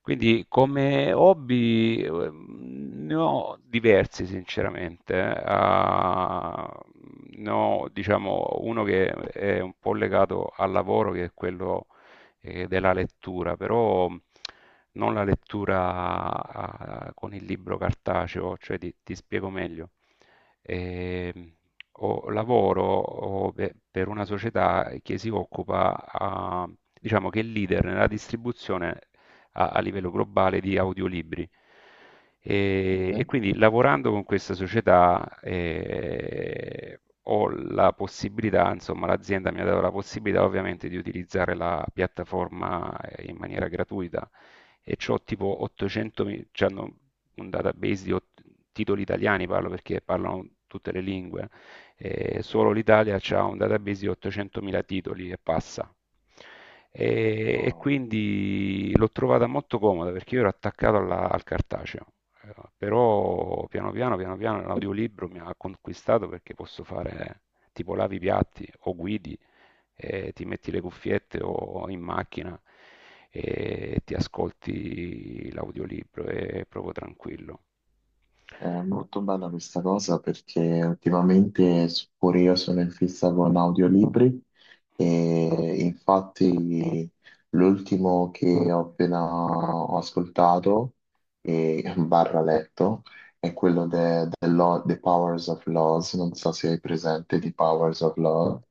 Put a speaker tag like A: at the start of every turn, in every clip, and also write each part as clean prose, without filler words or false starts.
A: Quindi come hobby, ne ho diversi sinceramente. Uhm, Ne ho diciamo uno che è un po' legato al lavoro, che è quello, della lettura, però non la lettura, con il libro cartaceo, cioè ti spiego meglio. Ehm, ho pe per una società che si occupa, uhm, diciamo che è leader nella distribuzione a livello globale di audiolibri. E
B: Mhm.
A: quindi lavorando con questa società ho la possibilità, insomma, l'azienda mi ha dato la possibilità ovviamente di utilizzare la piattaforma in maniera gratuita e c'ho tipo 800, c'hanno un database di titoli italiani, parlo perché parlano tutte le lingue, solo l'Italia ha un database di 800.000 titoli e passa. E
B: Oh,
A: quindi l'ho trovata molto comoda perché io ero al cartaceo. Però piano piano, piano piano l'audiolibro mi ha conquistato perché posso fare, tipo lavi i piatti o guidi, ti metti le cuffiette o in macchina e ti ascolti l'audiolibro, è proprio tranquillo.
B: è molto bella questa cosa perché ultimamente pure io sono in fissa con audiolibri e infatti l'ultimo che ho appena ho ascoltato e barra letto è quello de The Powers of Laws, non so se hai presente The Powers of Law.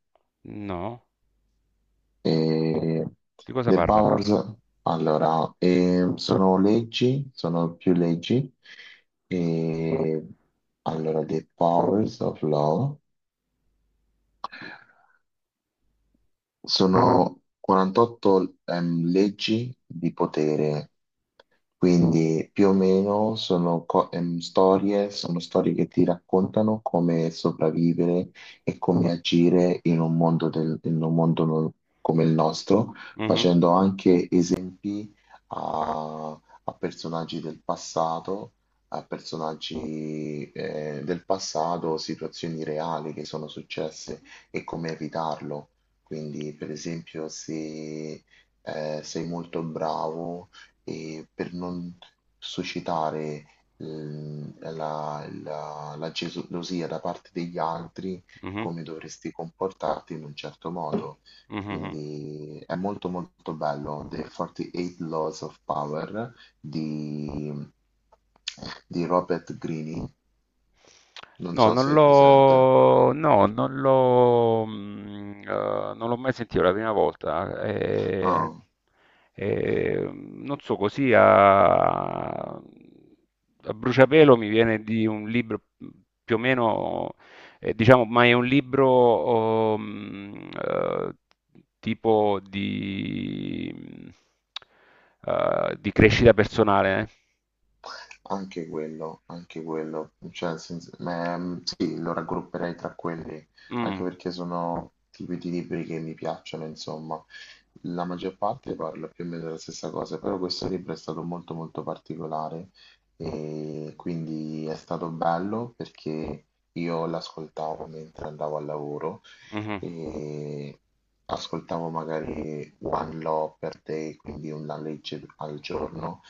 A: No?
B: E
A: Di cosa
B: The
A: parla?
B: Powers, allora, sono leggi, sono più leggi. E allora, The Powers of Law. Sono 48 leggi di potere, quindi più o meno sono storie, sono storie che ti raccontano come sopravvivere e come agire in un mondo, in un mondo come il nostro,
A: Mhm.
B: facendo anche esempi a personaggi del passato, a personaggi del passato, situazioni reali che sono successe e come evitarlo. Quindi, per esempio, se sei molto bravo e per non suscitare la gelosia da parte degli altri,
A: Mhm,
B: come dovresti comportarti in un certo modo.
A: mhm.
B: Quindi è molto molto bello, The 48 Laws of Power di, di Robert Greene, non
A: No,
B: so se hai presente.
A: non l'ho, non l'ho mai sentito, è la prima volta.
B: Ah.
A: Non so, così a bruciapelo mi viene di un libro più o meno, diciamo, ma è un libro, eh, tipo di crescita personale.
B: Anche quello, cioè, nel senso- ma, sì, lo raggrupperei tra quelli,
A: Eh?
B: anche
A: Mm,
B: perché sono tipi di libri che mi piacciono, insomma. La maggior parte parla più o meno della stessa cosa, però questo libro è stato molto molto particolare e quindi è stato bello perché io l'ascoltavo mentre andavo al lavoro
A: mhm.
B: e ascoltavo magari One Law per Day, quindi una legge al giorno,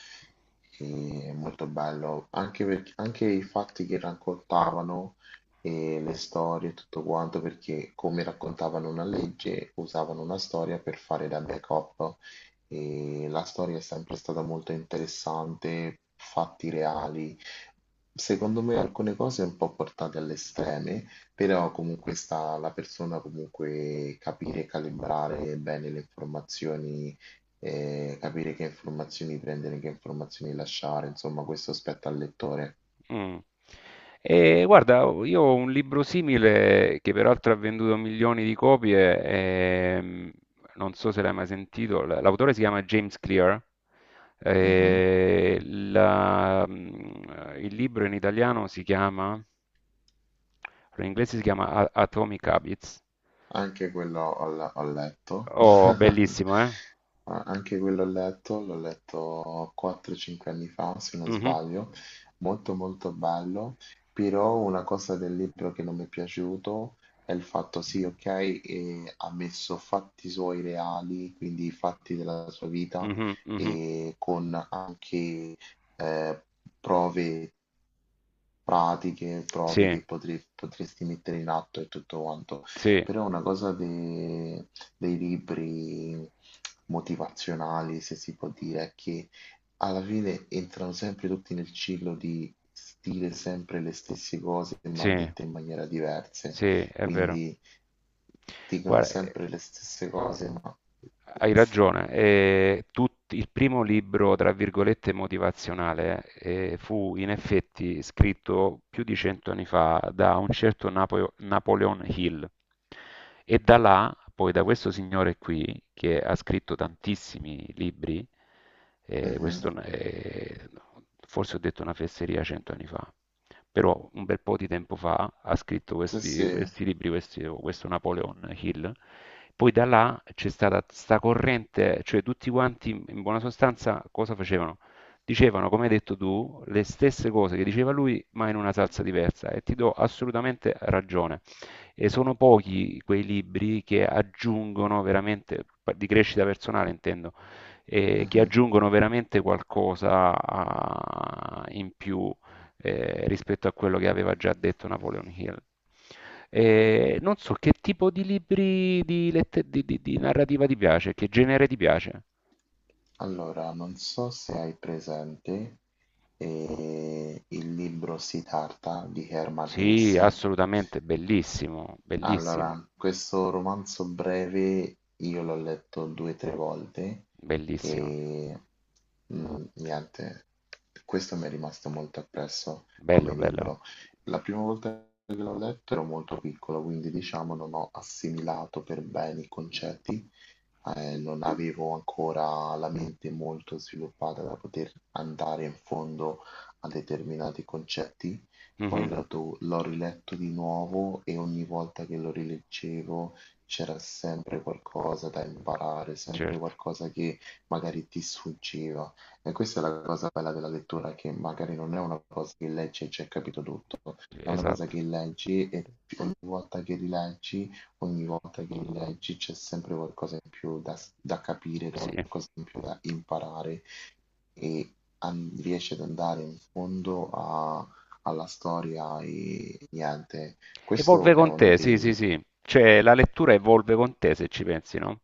B: è molto bello, anche, perché- anche i fatti che raccontavano e le storie e tutto quanto, perché come raccontavano una legge, usavano una storia per fare da backup e la storia è sempre stata molto interessante, fatti reali. Secondo me alcune cose un po' portate all'estremo, però comunque sta alla persona comunque capire e calibrare bene le informazioni, capire che informazioni prendere, che informazioni lasciare, insomma questo spetta al lettore.
A: Mm. E guarda, io ho un libro simile che peraltro ha venduto milioni di copie, ehm, non so se l'hai mai sentito, l'autore si chiama James Clear,
B: Mhm.
A: il libro in italiano si chiama, in inglese si chiama Atomic Habits.
B: Anche quello ho, ho letto.
A: Oh, bellissimo, eh?
B: Ah, anche quello ho letto, l'ho letto 4-5 anni fa, se non
A: Mhm,
B: sbaglio, molto molto bello, però una cosa del libro che non mi è piaciuto è il fatto, sì, ok, ha messo fatti suoi reali, quindi fatti della sua vita,
A: mhm, mhm.
B: e con anche eh, prove pratiche, prove
A: Sì,
B: che potresti mettere in atto e tutto quanto.
A: sì,
B: Però una cosa dei libri motivazionali, se si può dire, è che alla fine entrano sempre tutti nel ciclo di dire sempre le stesse cose,
A: sì,
B: ma dette in maniera diversa.
A: sì, è vero.
B: Quindi dicono
A: Guarda,
B: sempre le stesse cose, ma...
A: hai ragione, il primo libro, tra virgolette, motivazionale, fu in effetti scritto più di cento anni fa da un certo Napoleon Hill e da là, poi da questo signore qui, che ha scritto tantissimi libri, eh, questo
B: Mhm.
A: è- forse ho detto una fesseria, cento anni fa, però un bel po' di tempo fa ha scritto
B: Sì, sì.
A: questi libri, questo Napoleon Hill. Poi da là c'è stata sta corrente, cioè tutti quanti in buona sostanza cosa facevano? Dicevano, come hai detto tu, le stesse cose che diceva lui, ma in una salsa diversa, e ti do assolutamente ragione. E sono pochi quei libri che aggiungono veramente, di crescita personale intendo, che
B: Mhm.
A: aggiungono veramente qualcosa in più rispetto a quello che aveva già detto Napoleon Hill. Non so che tipo di libri di, lette- di narrativa ti piace, che genere ti piace?
B: Allora, non so se hai presente il libro Siddhartha di Hermann
A: Sì,
B: Hesse.
A: assolutamente, bellissimo, bellissimo,
B: Allora, questo romanzo breve io l'ho letto due o tre volte
A: bellissimo,
B: e niente, questo mi è rimasto molto appresso
A: bello,
B: come
A: bello.
B: libro. La prima volta che l'ho letto ero molto piccolo, quindi diciamo non ho assimilato per bene i concetti, non avevo ancora la mente molto sviluppata da poter andare in fondo a determinati concetti. Poi
A: Mhm,
B: l'ho riletto di nuovo e ogni volta che lo rileggevo c'era sempre qualcosa da imparare, sempre
A: certo,
B: qualcosa che magari ti sfuggiva. E questa è la cosa bella della lettura, che magari non è una cosa che leggi e c'è capito tutto, è una cosa
A: esatto.
B: che leggi e ogni volta che rileggi, ogni volta che rileggi c'è sempre qualcosa in più da capire,
A: Sì.
B: qualcosa in più da imparare e riesci ad andare in fondo a alla storia e niente, questo
A: Evolve
B: è
A: con
B: uno
A: te, sì, sì,
B: dei.
A: sì. Cioè, la lettura evolve con te, se ci pensi, no?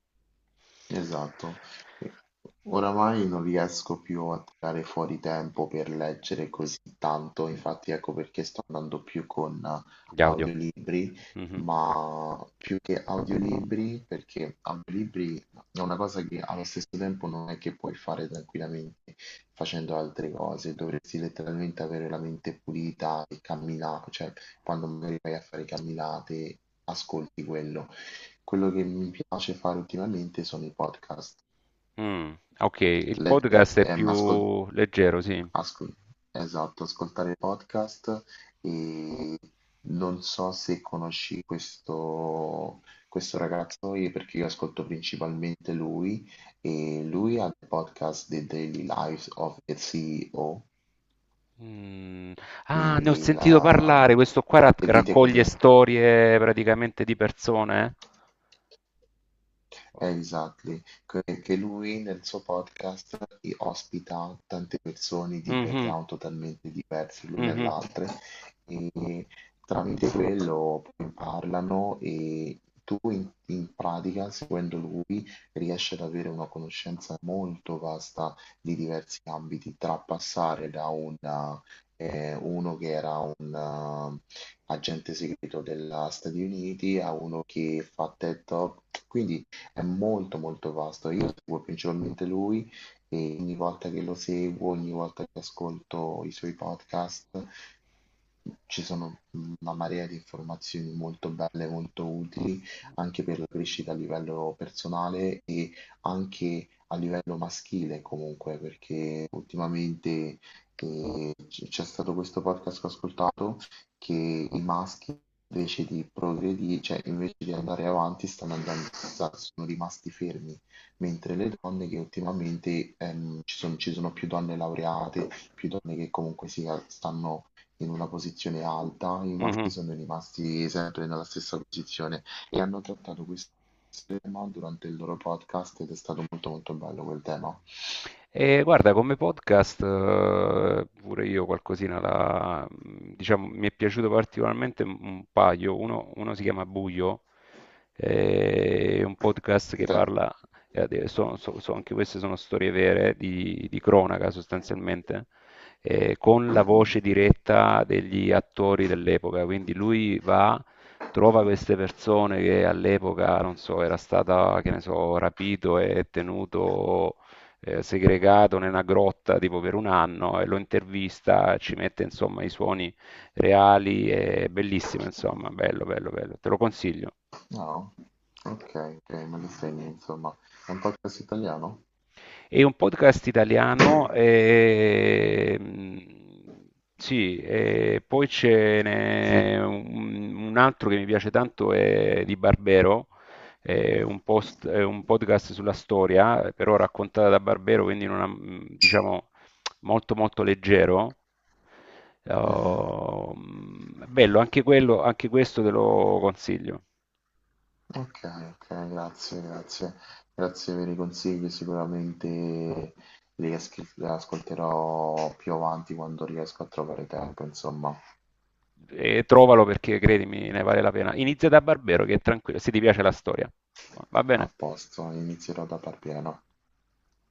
B: Esatto. E oramai non riesco più a tirare fuori tempo per leggere così tanto, infatti ecco perché sto andando più con
A: Gli audio.
B: audiolibri,
A: Mhm.
B: ma più che audiolibri, perché audiolibri è una cosa che allo stesso tempo non è che puoi fare tranquillamente facendo altre cose, dovresti letteralmente avere la mente pulita e camminare, cioè quando magari vai a fare camminate, ascolti quello. Quello che mi piace fare ultimamente sono i podcast,
A: Mm, ok, il
B: lette-
A: podcast è
B: ehm, ascol-
A: più leggero, sì.
B: ascol- esatto, ascoltare podcast e non so se conosci questo, questo ragazzo perché io ascolto principalmente lui e lui ha il podcast The Daily Lives of the CEO,
A: Mm. Ah, ne ho
B: quindi
A: sentito
B: la,
A: parlare. Questo qua
B: le vite
A: raccoglie
B: quotidiane.
A: storie praticamente di persone. Eh?
B: Exactly, che lui nel suo podcast ospita tante persone di
A: Mhm,
B: background totalmente diversi l'una e
A: mhm,
B: l'altra e tramite quello poi parlano e tu in pratica, seguendo lui, riesci ad avere una conoscenza molto vasta di diversi ambiti, tra passare da una, uno che era un agente segreto degli Stati Uniti a uno che fa TED Talk, quindi è molto molto vasto. Io seguo principalmente lui e ogni volta che lo seguo, ogni volta che ascolto i suoi podcast, ci sono una marea di informazioni molto belle, molto utili anche per la crescita a livello personale e anche a livello maschile comunque, perché ultimamente c'è stato questo podcast che ho ascoltato che i maschi invece di progredire, cioè invece di andare avanti, stanno andando, sono rimasti fermi, mentre le donne che ultimamente ci sono più donne laureate, più donne che comunque si, stanno in una posizione alta, i maschi
A: mhm.
B: sono rimasti sempre nella stessa posizione e hanno trattato questo tema durante il loro podcast ed è stato molto molto bello quel tema.
A: E guarda, come podcast, pure io qualcosina la, diciamo, mi è piaciuto particolarmente un paio. Uno si chiama Buio, è un podcast
B: Che
A: che
B: te-
A: parla, anche queste sono storie vere di cronaca sostanzialmente, con la
B: Mhm.
A: voce diretta degli attori dell'epoca. Quindi lui va, trova queste persone che all'epoca, non so, era stata, che ne so, rapito e tenuto, segregato nella grotta tipo per un anno, e lo intervista, ci mette insomma i suoni reali, è bellissimo insomma, bello, bello, bello, te lo consiglio.
B: No? Ok, ok, me lo segni, insomma. È un podcast italiano?
A: È un podcast italiano, sì, e poi ce n'è un altro che mi piace tanto, è di Barbero, è un, è un podcast sulla storia, però raccontata da Barbero, quindi in una, diciamo molto molto leggero.
B: Mh-mh.
A: Oh, mm, bello, anche quello, anche questo te lo consiglio.
B: Okay, okay, grazie, grazie. Grazie per i consigli, sicuramente li ascolterò più avanti quando riesco a trovare tempo, insomma.
A: E trovalo perché credimi ne vale la pena. Inizia da Barbero che è tranquillo, se ti piace la storia. Va
B: A
A: bene?
B: posto, inizierò da par pieno.